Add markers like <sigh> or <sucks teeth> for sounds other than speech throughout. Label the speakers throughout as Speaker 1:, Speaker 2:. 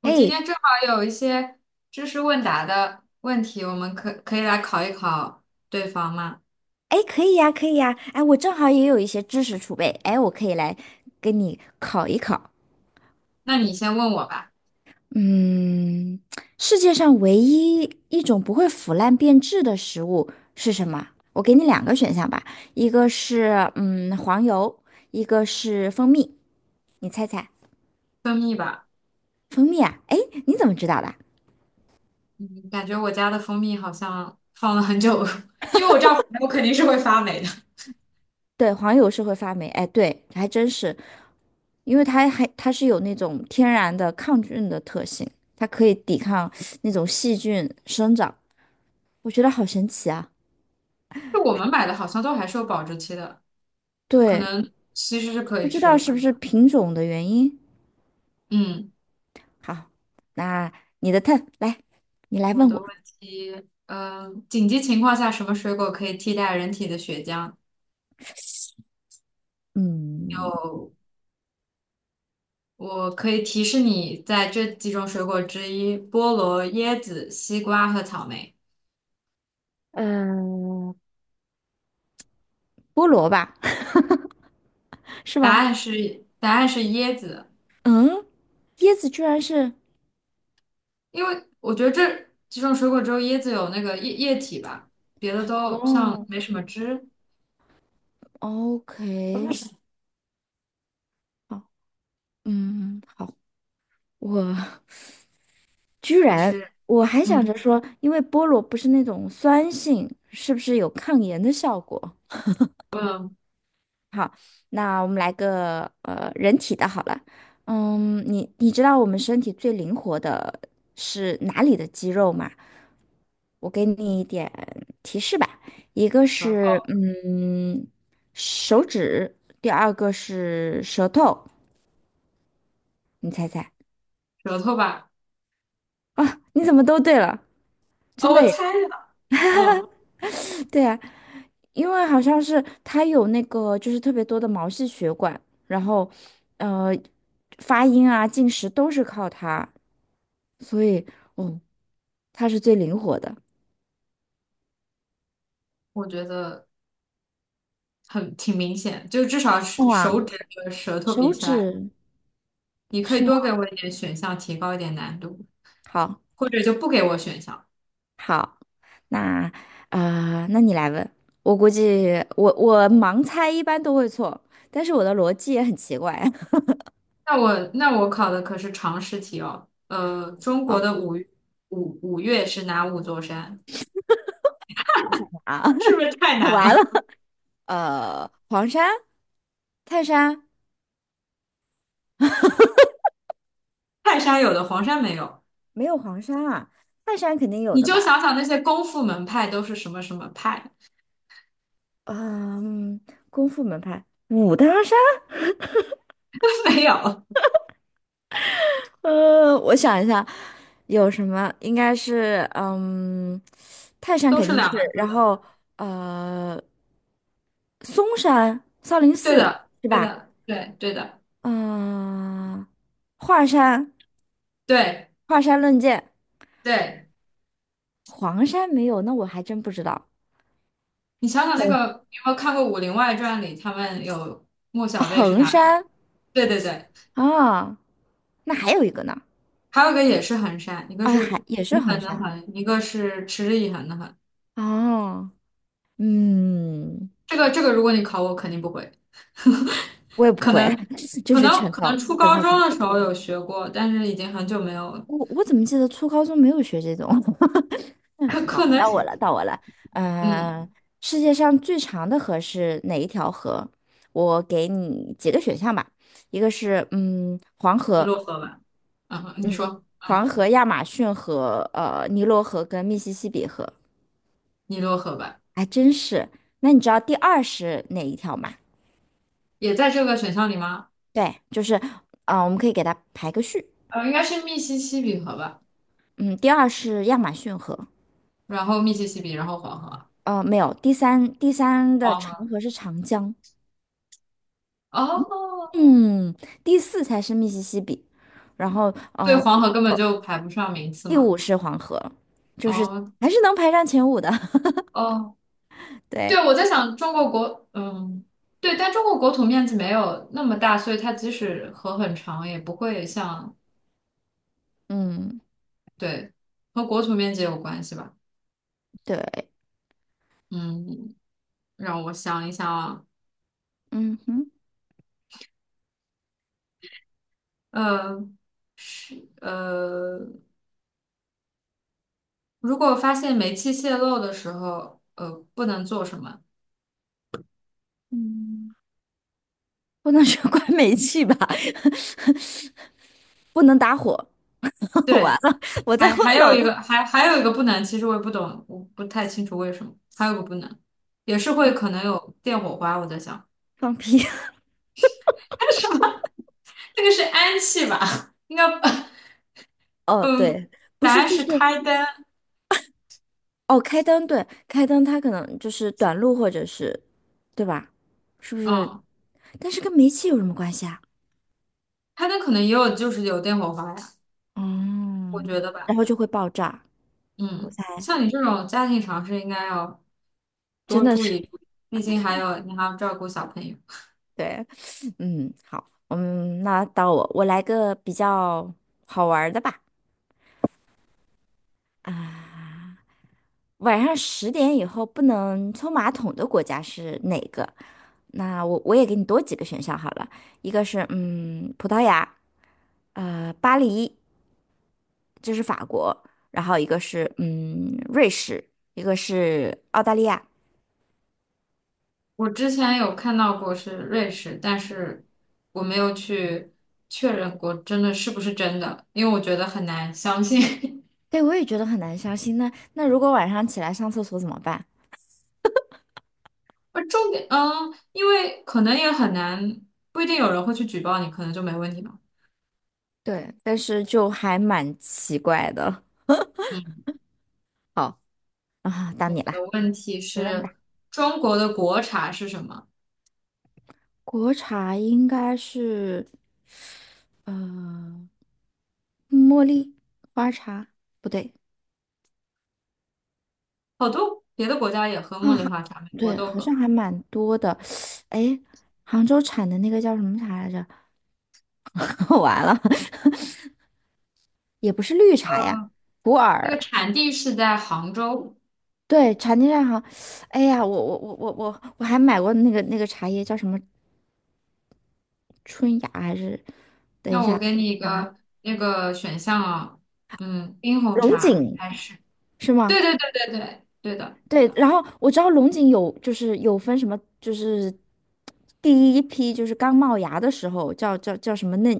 Speaker 1: 我今
Speaker 2: 哎
Speaker 1: 天正好有一些知识问答的问题，我们可以来考一考对方吗？
Speaker 2: 哎，可以呀，可以呀，哎，我正好也有一些知识储备，哎，我可以来跟你考一考。
Speaker 1: 那你先问我吧。
Speaker 2: 嗯，世界上唯一一种不会腐烂变质的食物是什么？我给你两个选项吧，一个是黄油，一个是蜂蜜，你猜猜？
Speaker 1: 蜂蜜吧。
Speaker 2: 蜂蜜啊？哎，你怎么知道的？
Speaker 1: 嗯，感觉我家的蜂蜜好像放了很久，<laughs> 因为我知道反正我肯定是会发霉的。
Speaker 2: 对，黄油是会发霉，哎，对，还真是，因为它是有那种天然的抗菌的特性，它可以抵抗那种细菌生长，我觉得好神奇啊！
Speaker 1: 就我们买的好像都还是有保质期的，可
Speaker 2: 对，
Speaker 1: 能其实是可
Speaker 2: 不
Speaker 1: 以
Speaker 2: 知
Speaker 1: 吃
Speaker 2: 道
Speaker 1: 的
Speaker 2: 是
Speaker 1: 吧。
Speaker 2: 不是品种的原因。
Speaker 1: 嗯，
Speaker 2: 好，那你的 t 来，你来
Speaker 1: 我
Speaker 2: 问
Speaker 1: 的
Speaker 2: 我，
Speaker 1: 问题，紧急情况下什么水果可以替代人体的血浆？
Speaker 2: 嗯，
Speaker 1: 有我可以提示你，在这几种水果之一，菠萝、椰子、西瓜和草莓。
Speaker 2: 嗯，菠萝吧，<laughs> 是
Speaker 1: 答
Speaker 2: 吗？
Speaker 1: 案是答案是椰子，
Speaker 2: 嗯，椰子居然是，
Speaker 1: 因为我觉得这几种水果只有椰子有那个液体吧，别的都像
Speaker 2: 哦
Speaker 1: 没什么汁。
Speaker 2: ，OK，好，好，我。居
Speaker 1: 还
Speaker 2: 然，
Speaker 1: 是
Speaker 2: 我还想
Speaker 1: 嗯
Speaker 2: 着说，因为菠萝不是那种酸性，是不是有抗炎的效果？
Speaker 1: 嗯，
Speaker 2: 好，那我们来个人体的好了。你知道我们身体最灵活的是哪里的肌肉吗？我给你一点提示吧，一个
Speaker 1: 舌
Speaker 2: 是
Speaker 1: 头
Speaker 2: 手指，第二个是舌头，你猜猜
Speaker 1: 舌头吧。
Speaker 2: 啊？你怎么都对了？
Speaker 1: 哦，
Speaker 2: 真
Speaker 1: 我
Speaker 2: 的耶！
Speaker 1: 猜的。嗯，
Speaker 2: 对啊，因为好像是它有那个就是特别多的毛细血管，然后呃发音啊、进食都是靠它，所以嗯，它是最灵活的。
Speaker 1: 我觉得挺明显，就至少是手
Speaker 2: 哇，
Speaker 1: 指和舌头比
Speaker 2: 手
Speaker 1: 起来，
Speaker 2: 指
Speaker 1: 你可以
Speaker 2: 是吗？
Speaker 1: 多给我一点选项，提高一点难度，
Speaker 2: 好，
Speaker 1: 或者就不给我选项。
Speaker 2: 好，那那你来问，我估计我盲猜一般都会错，但是我的逻辑也很奇怪。<laughs>
Speaker 1: 那我考的可是常识题哦。中国
Speaker 2: 好
Speaker 1: 的五岳是哪五座山？
Speaker 2: 啊，
Speaker 1: <laughs> 是不是太
Speaker 2: <laughs>
Speaker 1: 难
Speaker 2: 完了，
Speaker 1: 了？
Speaker 2: 黄山、泰山。
Speaker 1: <laughs> 泰山有的，黄山没有。
Speaker 2: 没有黄山啊，泰山肯定有
Speaker 1: 你
Speaker 2: 的
Speaker 1: 就
Speaker 2: 吧？
Speaker 1: 想想那些功夫门派都是什么什么派，
Speaker 2: 嗯，功夫门派，武当山，
Speaker 1: <laughs> 没有，
Speaker 2: 我想一下，有什么？应该是，泰山
Speaker 1: 都
Speaker 2: 肯
Speaker 1: 是
Speaker 2: 定是，
Speaker 1: 两个字
Speaker 2: 然
Speaker 1: 的。
Speaker 2: 后呃，嵩山、少林
Speaker 1: 对
Speaker 2: 寺
Speaker 1: 的，
Speaker 2: 是
Speaker 1: 对
Speaker 2: 吧？
Speaker 1: 的，对，对的，
Speaker 2: 嗯、华山、
Speaker 1: 对
Speaker 2: 华山论剑，
Speaker 1: 对。
Speaker 2: 黄山没有，那我还真不知道。
Speaker 1: 你想想那
Speaker 2: 衡
Speaker 1: 个，你有没有看过《武林外传》里他们有莫小贝是
Speaker 2: 衡
Speaker 1: 哪儿？
Speaker 2: 山
Speaker 1: 对对对，
Speaker 2: 啊，那还有一个呢，
Speaker 1: 还有一个也是衡山，一个
Speaker 2: 啊，
Speaker 1: 是
Speaker 2: 还也是
Speaker 1: 平
Speaker 2: 衡
Speaker 1: 衡的
Speaker 2: 山
Speaker 1: 衡，一个是持之以恒的恒。
Speaker 2: 哦。嗯，
Speaker 1: 这个，如果你考我，肯定不会。<laughs>
Speaker 2: 我也不
Speaker 1: 可
Speaker 2: 会，
Speaker 1: 能
Speaker 2: <laughs> 就
Speaker 1: 可
Speaker 2: 是
Speaker 1: 能
Speaker 2: 全
Speaker 1: 可能
Speaker 2: 靠
Speaker 1: 初
Speaker 2: 全
Speaker 1: 高
Speaker 2: 靠
Speaker 1: 中
Speaker 2: 猜。
Speaker 1: 的时候有学过，但是已经很久没有了。
Speaker 2: 我怎么记得初高中没有学这种？<laughs> 嗯，
Speaker 1: 可
Speaker 2: 好，
Speaker 1: 可能
Speaker 2: 到我了，到我了。
Speaker 1: 嗯，
Speaker 2: 嗯，世界上最长的河是哪一条河？我给你几个选项吧，一个是黄
Speaker 1: 尼
Speaker 2: 河，
Speaker 1: 罗河吧。你
Speaker 2: 嗯
Speaker 1: 说，
Speaker 2: 黄河、亚马逊河、尼罗河跟密西西比河。
Speaker 1: 尼罗河吧，
Speaker 2: 还真是。那你知道第二是哪一条吗？
Speaker 1: 也在这个选项里吗？
Speaker 2: 对，就是，我们可以给它排个序。
Speaker 1: 应该是密西西比河吧，
Speaker 2: 嗯，第二是亚马逊河。
Speaker 1: 然后密西西比，然后黄河，
Speaker 2: 没有，第三的
Speaker 1: 黄
Speaker 2: 长
Speaker 1: 河。
Speaker 2: 河是长江，
Speaker 1: 哦，
Speaker 2: 嗯，第四才是密西西比，然后
Speaker 1: 对，
Speaker 2: 呃，
Speaker 1: 黄河根本就排不上名次
Speaker 2: 第
Speaker 1: 嘛。
Speaker 2: 五是黄河，就是
Speaker 1: 哦
Speaker 2: 还是能排上前五的。
Speaker 1: 哦，
Speaker 2: <laughs>
Speaker 1: 对，
Speaker 2: 对，
Speaker 1: 我在想中国，对，但中国国土面积没有那么大，所以它即使河很长，也不会像，
Speaker 2: 嗯，
Speaker 1: 对，和国土面积有关系吧？
Speaker 2: 对，
Speaker 1: 嗯，让我想一想啊，
Speaker 2: 嗯哼，
Speaker 1: 呃呃，如果发现煤气泄漏的时候，不能做什么？
Speaker 2: 嗯，不能说关煤气吧，<laughs> 不能打火，<laughs> 完
Speaker 1: 对，
Speaker 2: 了，我在
Speaker 1: 还还
Speaker 2: 我
Speaker 1: 有
Speaker 2: 脑
Speaker 1: 一
Speaker 2: 子
Speaker 1: 个，还有一个不能，其实我也不懂，我不太清楚为什么，还有一个不能，也是会可能有电火花，我在想，
Speaker 2: 放屁。
Speaker 1: <laughs> 什么，<laughs> 那个是氨气吧？应该不。
Speaker 2: <laughs> 哦，
Speaker 1: 嗯，
Speaker 2: 对，不
Speaker 1: 答
Speaker 2: 是，
Speaker 1: 案
Speaker 2: 就
Speaker 1: 是
Speaker 2: 是。
Speaker 1: 开灯。
Speaker 2: 哦，开灯，对，开灯，它可能就是短路或者是，对吧？是不是？
Speaker 1: 嗯，
Speaker 2: 但是跟煤气有什么关系啊？
Speaker 1: 开灯可能也有，就是有电火花呀，我
Speaker 2: 嗯，
Speaker 1: 觉得
Speaker 2: 然
Speaker 1: 吧。
Speaker 2: 后就会爆炸，我
Speaker 1: 嗯，
Speaker 2: 猜，
Speaker 1: 像你这种家庭常识，应该要
Speaker 2: 真
Speaker 1: 多
Speaker 2: 的
Speaker 1: 注
Speaker 2: 是，
Speaker 1: 意注意，毕竟还有你还要照顾小朋友。
Speaker 2: 对，<laughs> <sucks teeth> 好，那到我，我来个比较好玩儿的吧。啊，晚上10点以后不能冲马桶的国家是哪个？那我也给你多几个选项好了，一个是葡萄牙，巴黎，这是法国，然后一个是瑞士，一个是澳大利亚。
Speaker 1: 我之前有看到过是瑞士，但是我没有去确认过真的是不是真的，因为我觉得很难相信。<laughs>
Speaker 2: 对，我也觉得很难相信。那如果晚上起来上厕所怎么办？
Speaker 1: 而重点，因为可能也很难，不一定有人会去举报你，可能就没问题吧。
Speaker 2: 对，但是就还蛮奇怪的
Speaker 1: 嗯。
Speaker 2: 好，啊。到你
Speaker 1: 的
Speaker 2: 啦，
Speaker 1: 问题
Speaker 2: 你问
Speaker 1: 是，
Speaker 2: 吧。
Speaker 1: 中国的国茶是什么？
Speaker 2: 国茶应该是嗯茉莉花茶，不对
Speaker 1: 好多别的国家也喝茉
Speaker 2: 啊，
Speaker 1: 莉
Speaker 2: 哈
Speaker 1: 花茶，美国
Speaker 2: 对，
Speaker 1: 都
Speaker 2: 好像
Speaker 1: 喝。
Speaker 2: 还蛮多的。<sucks teeth> 哎，杭州产的那个叫什么茶来着？<laughs> 完了，<laughs> 也不是绿茶呀，普
Speaker 1: 那个
Speaker 2: 洱。
Speaker 1: 产地是在杭州。
Speaker 2: 对，茶叶蛋好，哎呀，我还买过那个茶叶，叫什么春芽还是
Speaker 1: 那我给你一个那个选项啊，冰红
Speaker 2: 龙
Speaker 1: 茶
Speaker 2: 井
Speaker 1: 还是？
Speaker 2: 是吗？
Speaker 1: 对对对对对对的。
Speaker 2: 对，然后我知道龙井有就是有分什么，就是第一批就是刚冒芽的时候叫什么嫩，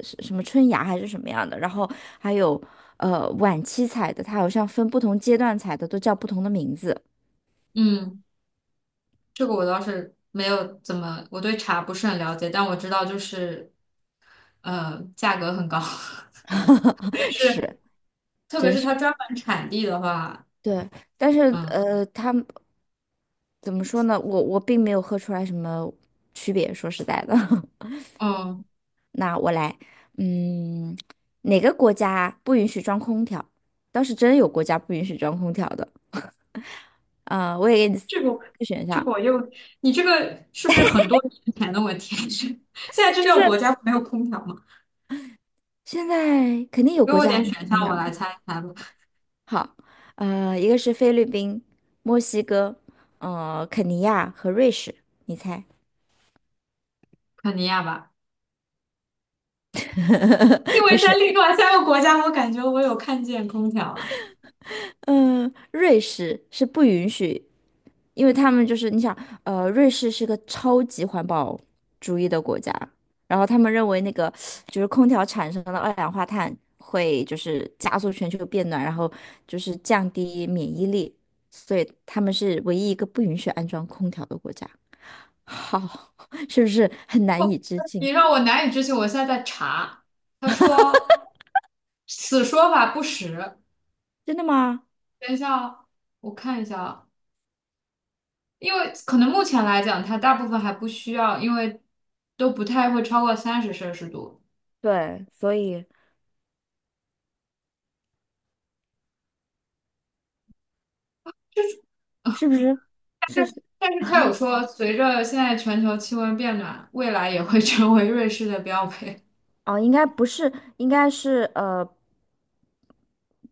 Speaker 2: 是什么春芽还是什么样的，然后还有晚期采的，它好像分不同阶段采的都叫不同的名字，
Speaker 1: 嗯，这个我倒是没有怎么，我对茶不是很了解，但我知道就是，价格很高，<laughs> 别
Speaker 2: <laughs>
Speaker 1: 是
Speaker 2: 是，
Speaker 1: 特别
Speaker 2: 真
Speaker 1: 是它
Speaker 2: 是。
Speaker 1: 专门产地的话。
Speaker 2: 对，但是
Speaker 1: 嗯
Speaker 2: 他们怎么说呢？我并没有喝出来什么区别，说实在的。<laughs>
Speaker 1: 嗯。
Speaker 2: 来，嗯，哪个国家不允许装空调？倒是真有国家不允许装空调的。啊、我也给你四
Speaker 1: 这个
Speaker 2: 个选
Speaker 1: 这
Speaker 2: 项，
Speaker 1: 个我又，你这个是不是很多年前的问题？<laughs> 是现在这
Speaker 2: 就
Speaker 1: 六
Speaker 2: 是
Speaker 1: 个国家没有空调吗？
Speaker 2: 现在肯定有
Speaker 1: 给
Speaker 2: 国
Speaker 1: 我
Speaker 2: 家还
Speaker 1: 点
Speaker 2: 没有
Speaker 1: 选项，
Speaker 2: 空
Speaker 1: 我来
Speaker 2: 调。
Speaker 1: 猜一猜吧。
Speaker 2: 好，一个是菲律宾、墨西哥、肯尼亚和瑞士，你猜？
Speaker 1: 肯尼亚吧，因
Speaker 2: <laughs> 不
Speaker 1: 为在
Speaker 2: 是。
Speaker 1: 另外三个国家，我感觉我有看见空调啊。
Speaker 2: 嗯，瑞士是不允许，因为他们就是你想，瑞士是个超级环保主义的国家，然后他们认为那个就是空调产生的二氧化碳会就是加速全球变暖，然后就是降低免疫力，所以他们是唯一一个不允许安装空调的国家。好，<laughs> 是不是很难
Speaker 1: 不，
Speaker 2: 以置
Speaker 1: 你
Speaker 2: 信？
Speaker 1: 让我难以置信。我现在在查，他说此说法不实。
Speaker 2: 真的吗？
Speaker 1: 等一下哦，我看一下啊，因为可能目前来讲，它大部分还不需要，因为都不太会超过30摄氏度。
Speaker 2: 对，所以是不是？
Speaker 1: 但是他有说，随着现在全球气温变暖，未来也会成为瑞士的标配。
Speaker 2: 哦，应该不是，应该是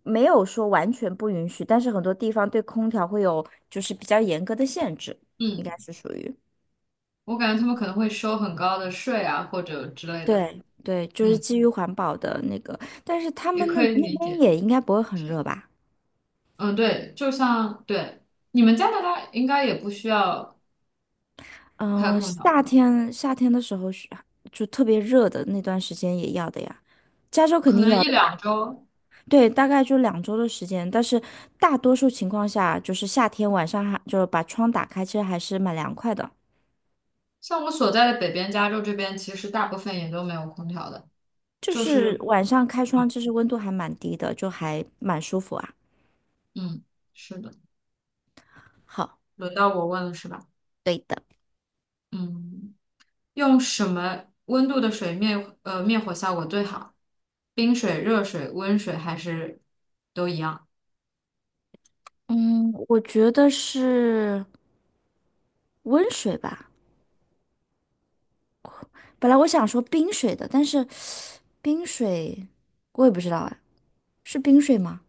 Speaker 2: 没有说完全不允许，但是很多地方对空调会有就是比较严格的限制，应
Speaker 1: 嗯，
Speaker 2: 该是属于。
Speaker 1: 我感觉他们可能会收很高的税啊，或者之类的。
Speaker 2: 对对，就是
Speaker 1: 嗯，
Speaker 2: 基于环保的那个，但是他
Speaker 1: 也
Speaker 2: 们那
Speaker 1: 可以
Speaker 2: 那
Speaker 1: 理
Speaker 2: 边
Speaker 1: 解。
Speaker 2: 也应该不会很热吧？
Speaker 1: 嗯，对，就像对你们加拿大应该也不需要开
Speaker 2: 嗯、
Speaker 1: 空调，
Speaker 2: 夏天的时候是就特别热的那段时间也要的呀，加州肯
Speaker 1: 可
Speaker 2: 定
Speaker 1: 能
Speaker 2: 要
Speaker 1: 一
Speaker 2: 的
Speaker 1: 两
Speaker 2: 吧。
Speaker 1: 周。
Speaker 2: 对，大概就2周的时间，但是大多数情况下，就是夏天晚上还就是把窗打开，其实还是蛮凉快的。
Speaker 1: 像我所在的北边加州这边，其实大部分也都没有空调的，
Speaker 2: 就
Speaker 1: 就
Speaker 2: 是
Speaker 1: 是
Speaker 2: 晚上开窗，
Speaker 1: 嗯
Speaker 2: 其实温度还蛮低的，就还蛮舒服啊。
Speaker 1: 嗯，是的。
Speaker 2: 好，
Speaker 1: 轮到我问了是吧？
Speaker 2: 对的，
Speaker 1: 嗯。用什么温度的水灭灭火效果最好？冰水、热水、温水还是都一样？
Speaker 2: 嗯，我觉得是温水吧。本来我想说冰水的，但是冰水我也不知道哎，是冰水吗？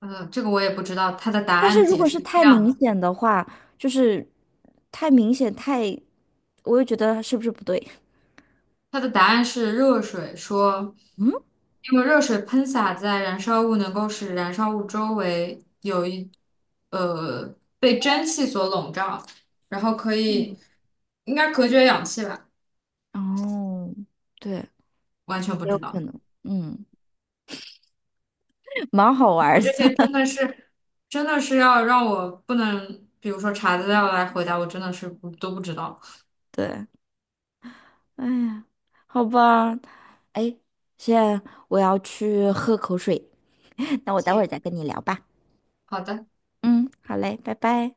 Speaker 1: 这个我也不知道。它的答
Speaker 2: 但是
Speaker 1: 案
Speaker 2: 如
Speaker 1: 解
Speaker 2: 果
Speaker 1: 释
Speaker 2: 是
Speaker 1: 是这
Speaker 2: 太
Speaker 1: 样
Speaker 2: 明
Speaker 1: 的，
Speaker 2: 显的话，就是太明显太，我又觉得是不是不对？
Speaker 1: 它的答案是热水，说
Speaker 2: 嗯。
Speaker 1: 因为热水喷洒在燃烧物，能够使燃烧物周围呃被蒸汽所笼罩，然后可以应该隔绝氧气吧？
Speaker 2: 哦，对，
Speaker 1: 完全不
Speaker 2: 也
Speaker 1: 知
Speaker 2: 有可
Speaker 1: 道。
Speaker 2: 能，嗯，<laughs> 蛮好玩
Speaker 1: 我
Speaker 2: 儿的，
Speaker 1: 这些
Speaker 2: <laughs>
Speaker 1: 真的是，真的是要让我不能，比如说查资料来回答，我真的是不都不知道。
Speaker 2: 对，哎呀，好吧，哎，现在我要去喝口水，<laughs> 那我待会儿
Speaker 1: 行，
Speaker 2: 再跟你聊吧，
Speaker 1: 好的。
Speaker 2: 嗯，好嘞，拜拜。